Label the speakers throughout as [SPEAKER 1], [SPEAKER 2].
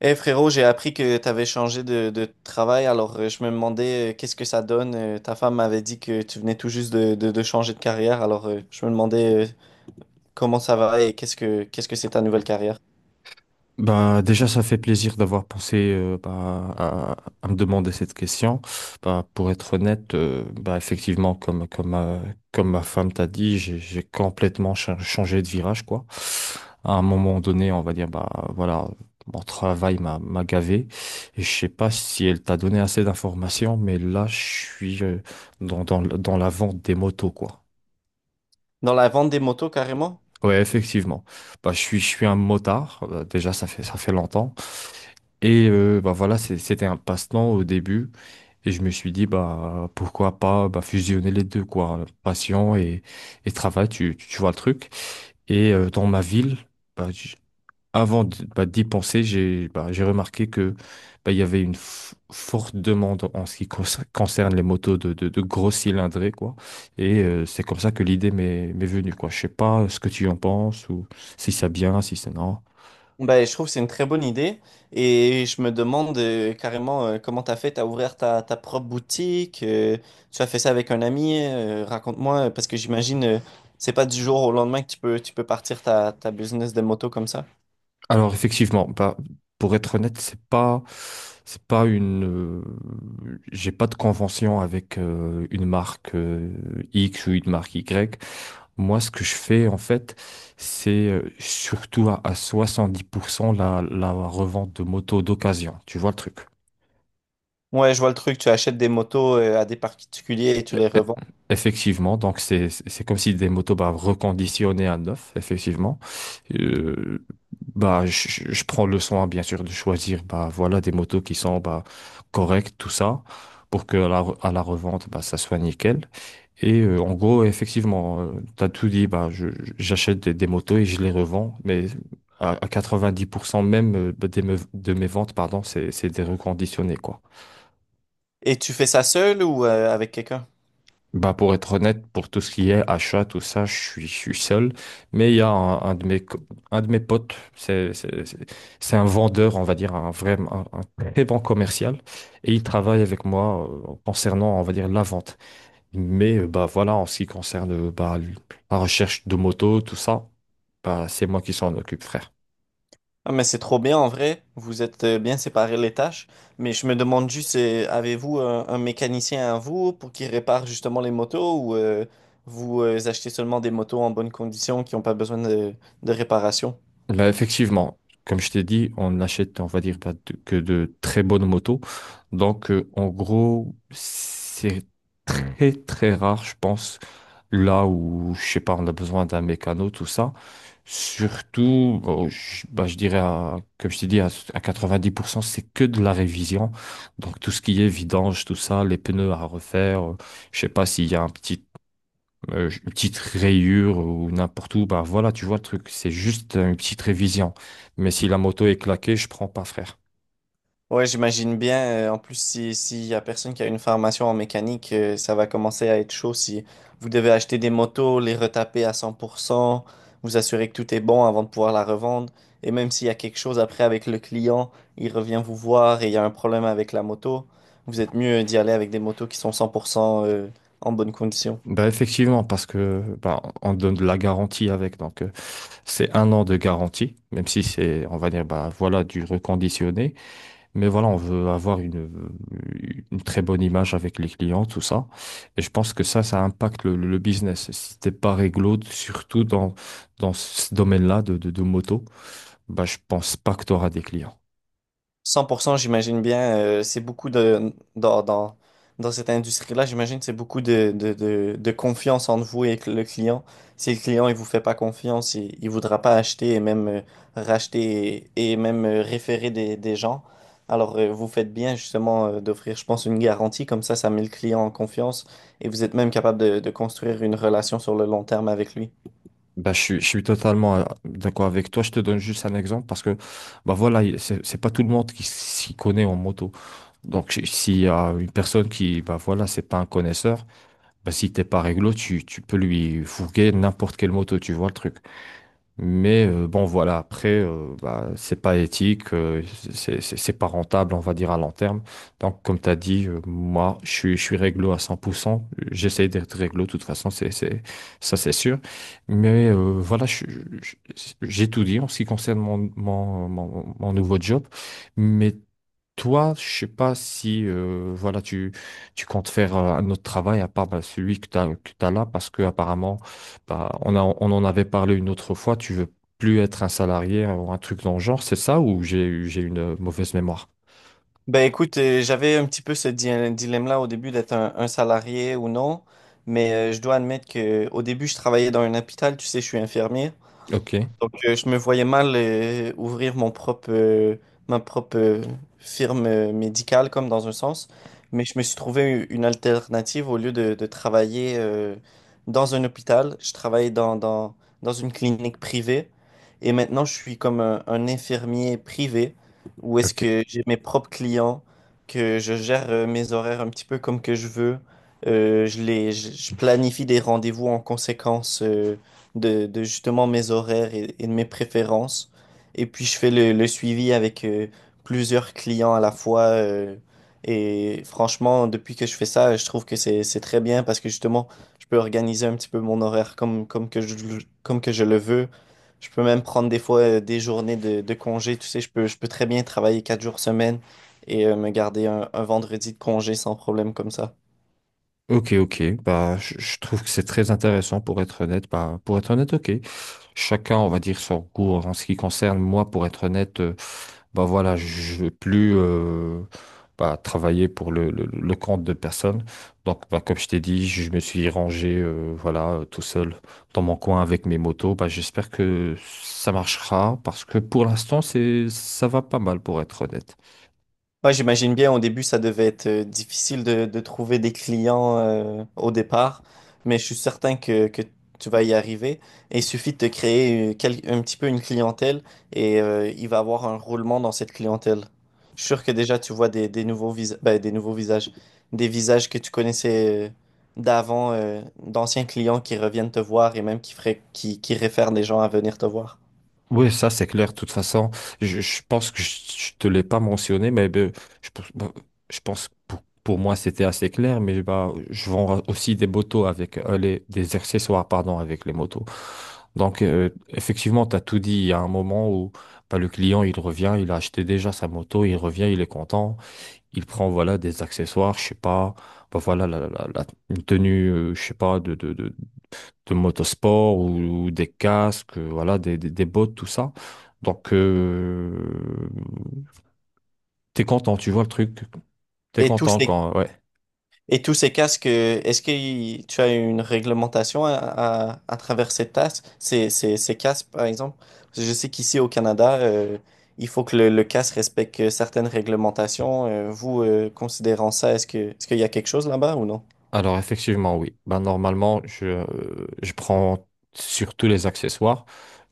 [SPEAKER 1] Eh frérot, j'ai appris que t'avais changé de travail, alors je me demandais qu'est-ce que ça donne. Ta femme m'avait dit que tu venais tout juste de changer de carrière, alors je me demandais comment ça va et qu'est-ce que c'est ta nouvelle carrière.
[SPEAKER 2] Bah, déjà, ça fait plaisir d'avoir pensé bah, à me demander cette question. Bah, pour être honnête, bah, effectivement, comme ma femme t'a dit, j'ai complètement changé de virage, quoi. À un moment donné, on va dire, bah, voilà, mon travail m'a gavé. Et je sais pas si elle t'a donné assez d'informations, mais là, je suis dans la vente des motos, quoi.
[SPEAKER 1] Dans la vente des motos carrément?
[SPEAKER 2] Ouais, effectivement. Bah, je suis un motard. Déjà, ça fait longtemps. Et bah voilà, c'était un passe-temps au début. Et je me suis dit, bah, pourquoi pas bah, fusionner les deux, quoi. Passion et travail, tu vois le truc. Et dans ma ville, bah, j- bah, d'y penser, j'ai remarqué que bah, il y avait une forte demande en ce qui concerne les motos de gros cylindrés, quoi. Et c'est comme ça que l'idée m'est venue, quoi. Je sais pas ce que tu en penses, ou si c'est bien, si c'est non.
[SPEAKER 1] Ben, je trouve que c'est une très bonne idée et je me demande carrément comment t'as fait, t'as ouvert ta propre boutique, tu as fait ça avec un ami, raconte-moi, parce que j'imagine c'est pas du jour au lendemain que tu peux partir ta business de moto comme ça.
[SPEAKER 2] Alors effectivement, bah, pour être honnête, c'est pas une, j'ai pas de convention avec une marque X ou une marque Y. Moi, ce que je fais en fait, c'est surtout à 70% la revente de motos d'occasion. Tu vois le truc?
[SPEAKER 1] Ouais, je vois le truc. Tu achètes des motos à des particuliers et tu
[SPEAKER 2] E-
[SPEAKER 1] les
[SPEAKER 2] e-
[SPEAKER 1] revends.
[SPEAKER 2] Effectivement, donc c'est comme si des motos bah, reconditionnées à neuf, effectivement. Euh, bah je prends le soin bien sûr de choisir bah voilà des motos qui sont bah correctes tout ça pour que à la, à la revente bah ça soit nickel. Et en gros effectivement, tu as tout dit bah j'achète des motos et je les revends, mais à 90% même bah, des de mes ventes pardon c'est des reconditionnés quoi.
[SPEAKER 1] Et tu fais ça seul ou avec quelqu'un?
[SPEAKER 2] Bah pour être honnête, pour tout ce qui est achat, tout ça, je suis seul. Mais il y a un de mes, un de mes potes, c'est un vendeur, on va dire, un vrai, un très bon commercial. Et il travaille avec moi concernant, on va dire, la vente. Mais bah voilà, en ce qui concerne bah, la recherche de moto, tout ça, bah c'est moi qui s'en occupe, frère.
[SPEAKER 1] Ah, mais c'est trop bien en vrai. Vous êtes bien séparés les tâches. Mais je me demande juste, avez-vous un mécanicien à vous pour qu'il répare justement les motos ou vous achetez seulement des motos en bonne condition qui n'ont pas besoin de réparation?
[SPEAKER 2] Bah, effectivement, comme je t'ai dit, on n'achète, on va dire, pas de- que de très bonnes motos. Donc, en gros, c'est très, très rare, je pense, là où, je sais pas, on a besoin d'un mécano, tout ça. Surtout, bon, je, bah, je dirais, comme je t'ai dit, à 90%, c'est que de la révision. Donc, tout ce qui est vidange, tout ça, les pneus à refaire, je sais pas s'il y a un petit une petite rayure ou n'importe où, bah voilà, tu vois le truc, c'est juste une petite révision. Mais si la moto est claquée, je prends pas, frère.
[SPEAKER 1] Ouais, j'imagine bien. En plus, si, s'il y a personne qui a une formation en mécanique, ça va commencer à être chaud si vous devez acheter des motos, les retaper à 100%, vous assurer que tout est bon avant de pouvoir la revendre. Et même s'il y a quelque chose après avec le client, il revient vous voir et il y a un problème avec la moto, vous êtes mieux d'y aller avec des motos qui sont 100% en bonne condition.
[SPEAKER 2] Bah effectivement, parce que bah, on donne de la garantie avec, donc c'est 1 an de garantie, même si c'est, on va dire, bah voilà, du reconditionné, mais voilà, on veut avoir une très bonne image avec les clients, tout ça. Et je pense que ça impacte le business. Si t'es pas réglo, surtout dans, dans ce domaine-là de moto, bah je pense pas que tu auras des clients.
[SPEAKER 1] 100%, j'imagine bien, c'est beaucoup de, dans cette industrie-là, j'imagine que c'est beaucoup de confiance entre vous et le client. Si le client, il vous fait pas confiance, il voudra pas acheter et même racheter et même référer des gens. Alors, vous faites bien justement d'offrir, je pense, une garantie. Comme ça met le client en confiance et vous êtes même capable de construire une relation sur le long terme avec lui.
[SPEAKER 2] Bah, je suis totalement d'accord avec toi. Je te donne juste un exemple parce que bah voilà, c'est pas tout le monde qui s'y connaît en moto. Donc s'il y a une personne qui bah voilà, c'est pas un connaisseur, bah si t'es pas réglo, tu peux lui fourguer n'importe quelle moto, tu vois le truc. Mais bon, voilà, après, bah, c'est pas éthique, c'est pas rentable, on va dire, à long terme. Donc, comme tu as dit, moi, je suis réglo à 100%. J'essaie d'être réglo, de toute façon, c'est, ça, c'est sûr. Mais voilà, j'ai tout dit en ce qui concerne mon nouveau job. Mais toi, je sais pas si voilà tu comptes faire un autre travail à part bah, celui que t'as là parce que apparemment bah, on en avait parlé une autre fois. Tu veux plus être un salarié ou un truc dans le genre, c'est ça ou j'ai une mauvaise mémoire?
[SPEAKER 1] Ben écoute, j'avais un petit peu dilemme-là au début d'être un salarié ou non, mais je dois admettre que au début je travaillais dans un hôpital, tu sais, je suis infirmier.
[SPEAKER 2] Ok,
[SPEAKER 1] Donc, je me voyais mal ouvrir mon propre, ma propre firme médicale, comme dans un sens. Mais je me suis trouvé une alternative au lieu de travailler dans un hôpital. Je travaille dans une clinique privée. Et maintenant, je suis comme un infirmier privé, où est-ce
[SPEAKER 2] ok,
[SPEAKER 1] que j'ai mes propres clients, que je gère mes horaires un petit peu comme que je veux. Je planifie des rendez-vous en conséquence de justement mes horaires et de mes préférences. Et puis je fais le suivi avec plusieurs clients à la fois. Et franchement, depuis que je fais ça, je trouve que c'est très bien parce que justement, je peux organiser un petit peu mon horaire comme que je le veux. Je peux même prendre des fois des journées de congé. Tu sais, je peux très bien travailler quatre jours semaine et me garder un vendredi de congé sans problème comme ça.
[SPEAKER 2] ok, ok. Bah, je trouve que c'est très intéressant pour être honnête. Bah, pour être honnête, ok. Chacun, on va dire, son goût en ce qui concerne moi. Pour être honnête, bah voilà, je veux plus bah, travailler pour le, le compte de personne. Donc, bah, comme je t'ai dit, je me suis rangé voilà, tout seul dans mon coin avec mes motos. Bah, j'espère que ça marchera parce que pour l'instant, ça va pas mal pour être honnête.
[SPEAKER 1] Ouais, j'imagine bien, au début, ça devait être difficile de trouver des clients au départ, mais je suis certain que tu vas y arriver. Et il suffit de te créer un petit peu une clientèle et il va avoir un roulement dans cette clientèle. Je suis sûr que déjà, tu vois des, ben, des nouveaux visages, des visages que tu connaissais d'avant, d'anciens clients qui reviennent te voir et même qui feraient, qui réfèrent les gens à venir te voir.
[SPEAKER 2] Oui, ça c'est clair. De toute façon, je pense que je, ne te l'ai pas mentionné, mais ben, je, pense ben, je pense que pour moi c'était assez clair. Mais bah, je vends aussi des motos avec des accessoires, pardon, avec les motos. Donc effectivement, tu as tout dit. Il y a un moment où bah, le client il revient, il a acheté déjà sa moto, il revient, il est content, il prend voilà des accessoires, je sais pas, bah, voilà une tenue, je sais pas de motosport ou des casques, voilà, des bottes, tout ça. Donc, t'es content, tu vois le truc. T'es
[SPEAKER 1] Et tous
[SPEAKER 2] content
[SPEAKER 1] ces,
[SPEAKER 2] quand, ouais.
[SPEAKER 1] Et tous ces casques, est-ce tu as une réglementation à travers ces tasses, ces casques, par exemple? Parce que je sais qu'ici au Canada, il faut que le casque respecte certaines réglementations. Vous, considérant ça, est-ce qu'il y a quelque chose là-bas ou non?
[SPEAKER 2] Alors, effectivement, oui. Ben, normalement, je prends sur tous les accessoires,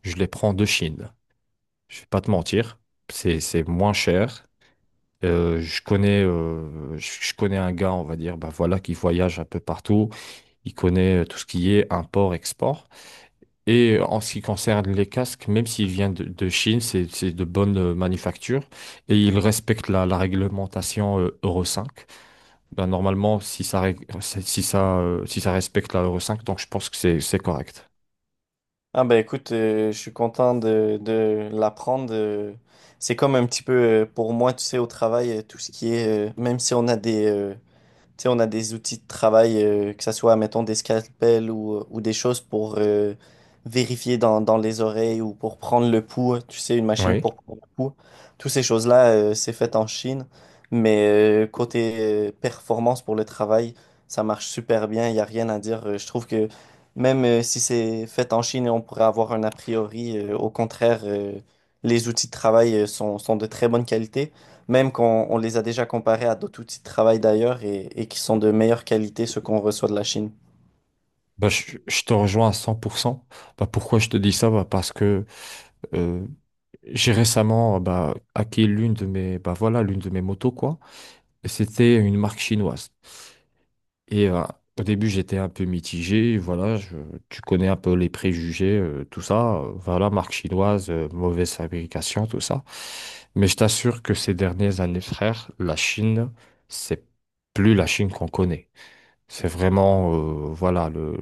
[SPEAKER 2] je les prends de Chine. Je vais pas te mentir, c'est moins cher. Je connais, je connais un gars, on va dire, ben voilà, qui voyage un peu partout. Il connaît tout ce qui est import-export. Et en ce qui concerne les casques, même s'ils viennent de Chine, c'est de bonne manufacture et ils respectent la, la réglementation Euro 5. Ben, normalement, si ça, si ça respecte la Euro 5, donc je pense que c'est correct.
[SPEAKER 1] Ah ben écoute, je suis content de l'apprendre. C'est comme un petit peu pour moi, tu sais, au travail, tout ce qui est, même si on a des, tu sais, on a des outils de travail, que ce soit, mettons, des scalpels ou des choses pour vérifier dans les oreilles ou pour prendre le pouls. Tu sais, une machine
[SPEAKER 2] Oui.
[SPEAKER 1] pour prendre le pouls. Toutes ces choses-là, c'est fait en Chine. Mais côté performance pour le travail, ça marche super bien. Il n'y a rien à dire. Je trouve que même si c'est fait en Chine, on pourrait avoir un a priori. Au contraire, les outils de travail sont, sont de très bonne qualité. Même quand on les a déjà comparés à d'autres outils de travail d'ailleurs et qui sont de meilleure qualité, ceux qu'on reçoit de la Chine.
[SPEAKER 2] Bah, je te rejoins à 100%. Bah, pourquoi je te dis ça? Bah, parce que euh, j'ai récemment bah, acquis l'une de mes, bah, voilà, l'une de mes motos, quoi. Et c'était une marque chinoise. Et au début, j'étais un peu mitigé. Voilà, tu connais un peu les préjugés, tout ça. Voilà, marque chinoise, mauvaise fabrication, tout ça. Mais je t'assure que ces dernières années, frère, c'est plus la Chine qu'on connaît. C'est vraiment, voilà,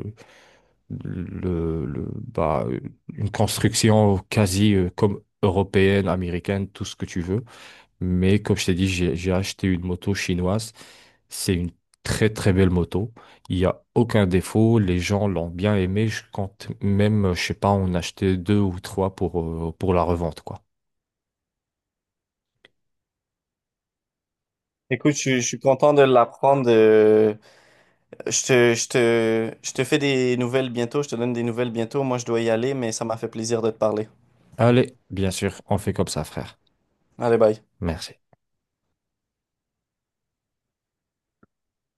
[SPEAKER 2] le, le- bah, une construction quasi, comme européenne, américaine, tout ce que tu veux. Mais comme je t'ai dit, j'ai acheté une moto chinoise. C'est une très très belle moto. Il n'y a aucun défaut. Les gens l'ont bien aimée. Je compte même, je sais pas, en acheter deux ou trois pour la revente, quoi.
[SPEAKER 1] Écoute, je suis content de l'apprendre. Je te fais des nouvelles bientôt, je te donne des nouvelles bientôt. Moi, je dois y aller, mais ça m'a fait plaisir de te parler.
[SPEAKER 2] Allez, bien sûr, on fait comme ça, frère.
[SPEAKER 1] Allez, bye.
[SPEAKER 2] Merci.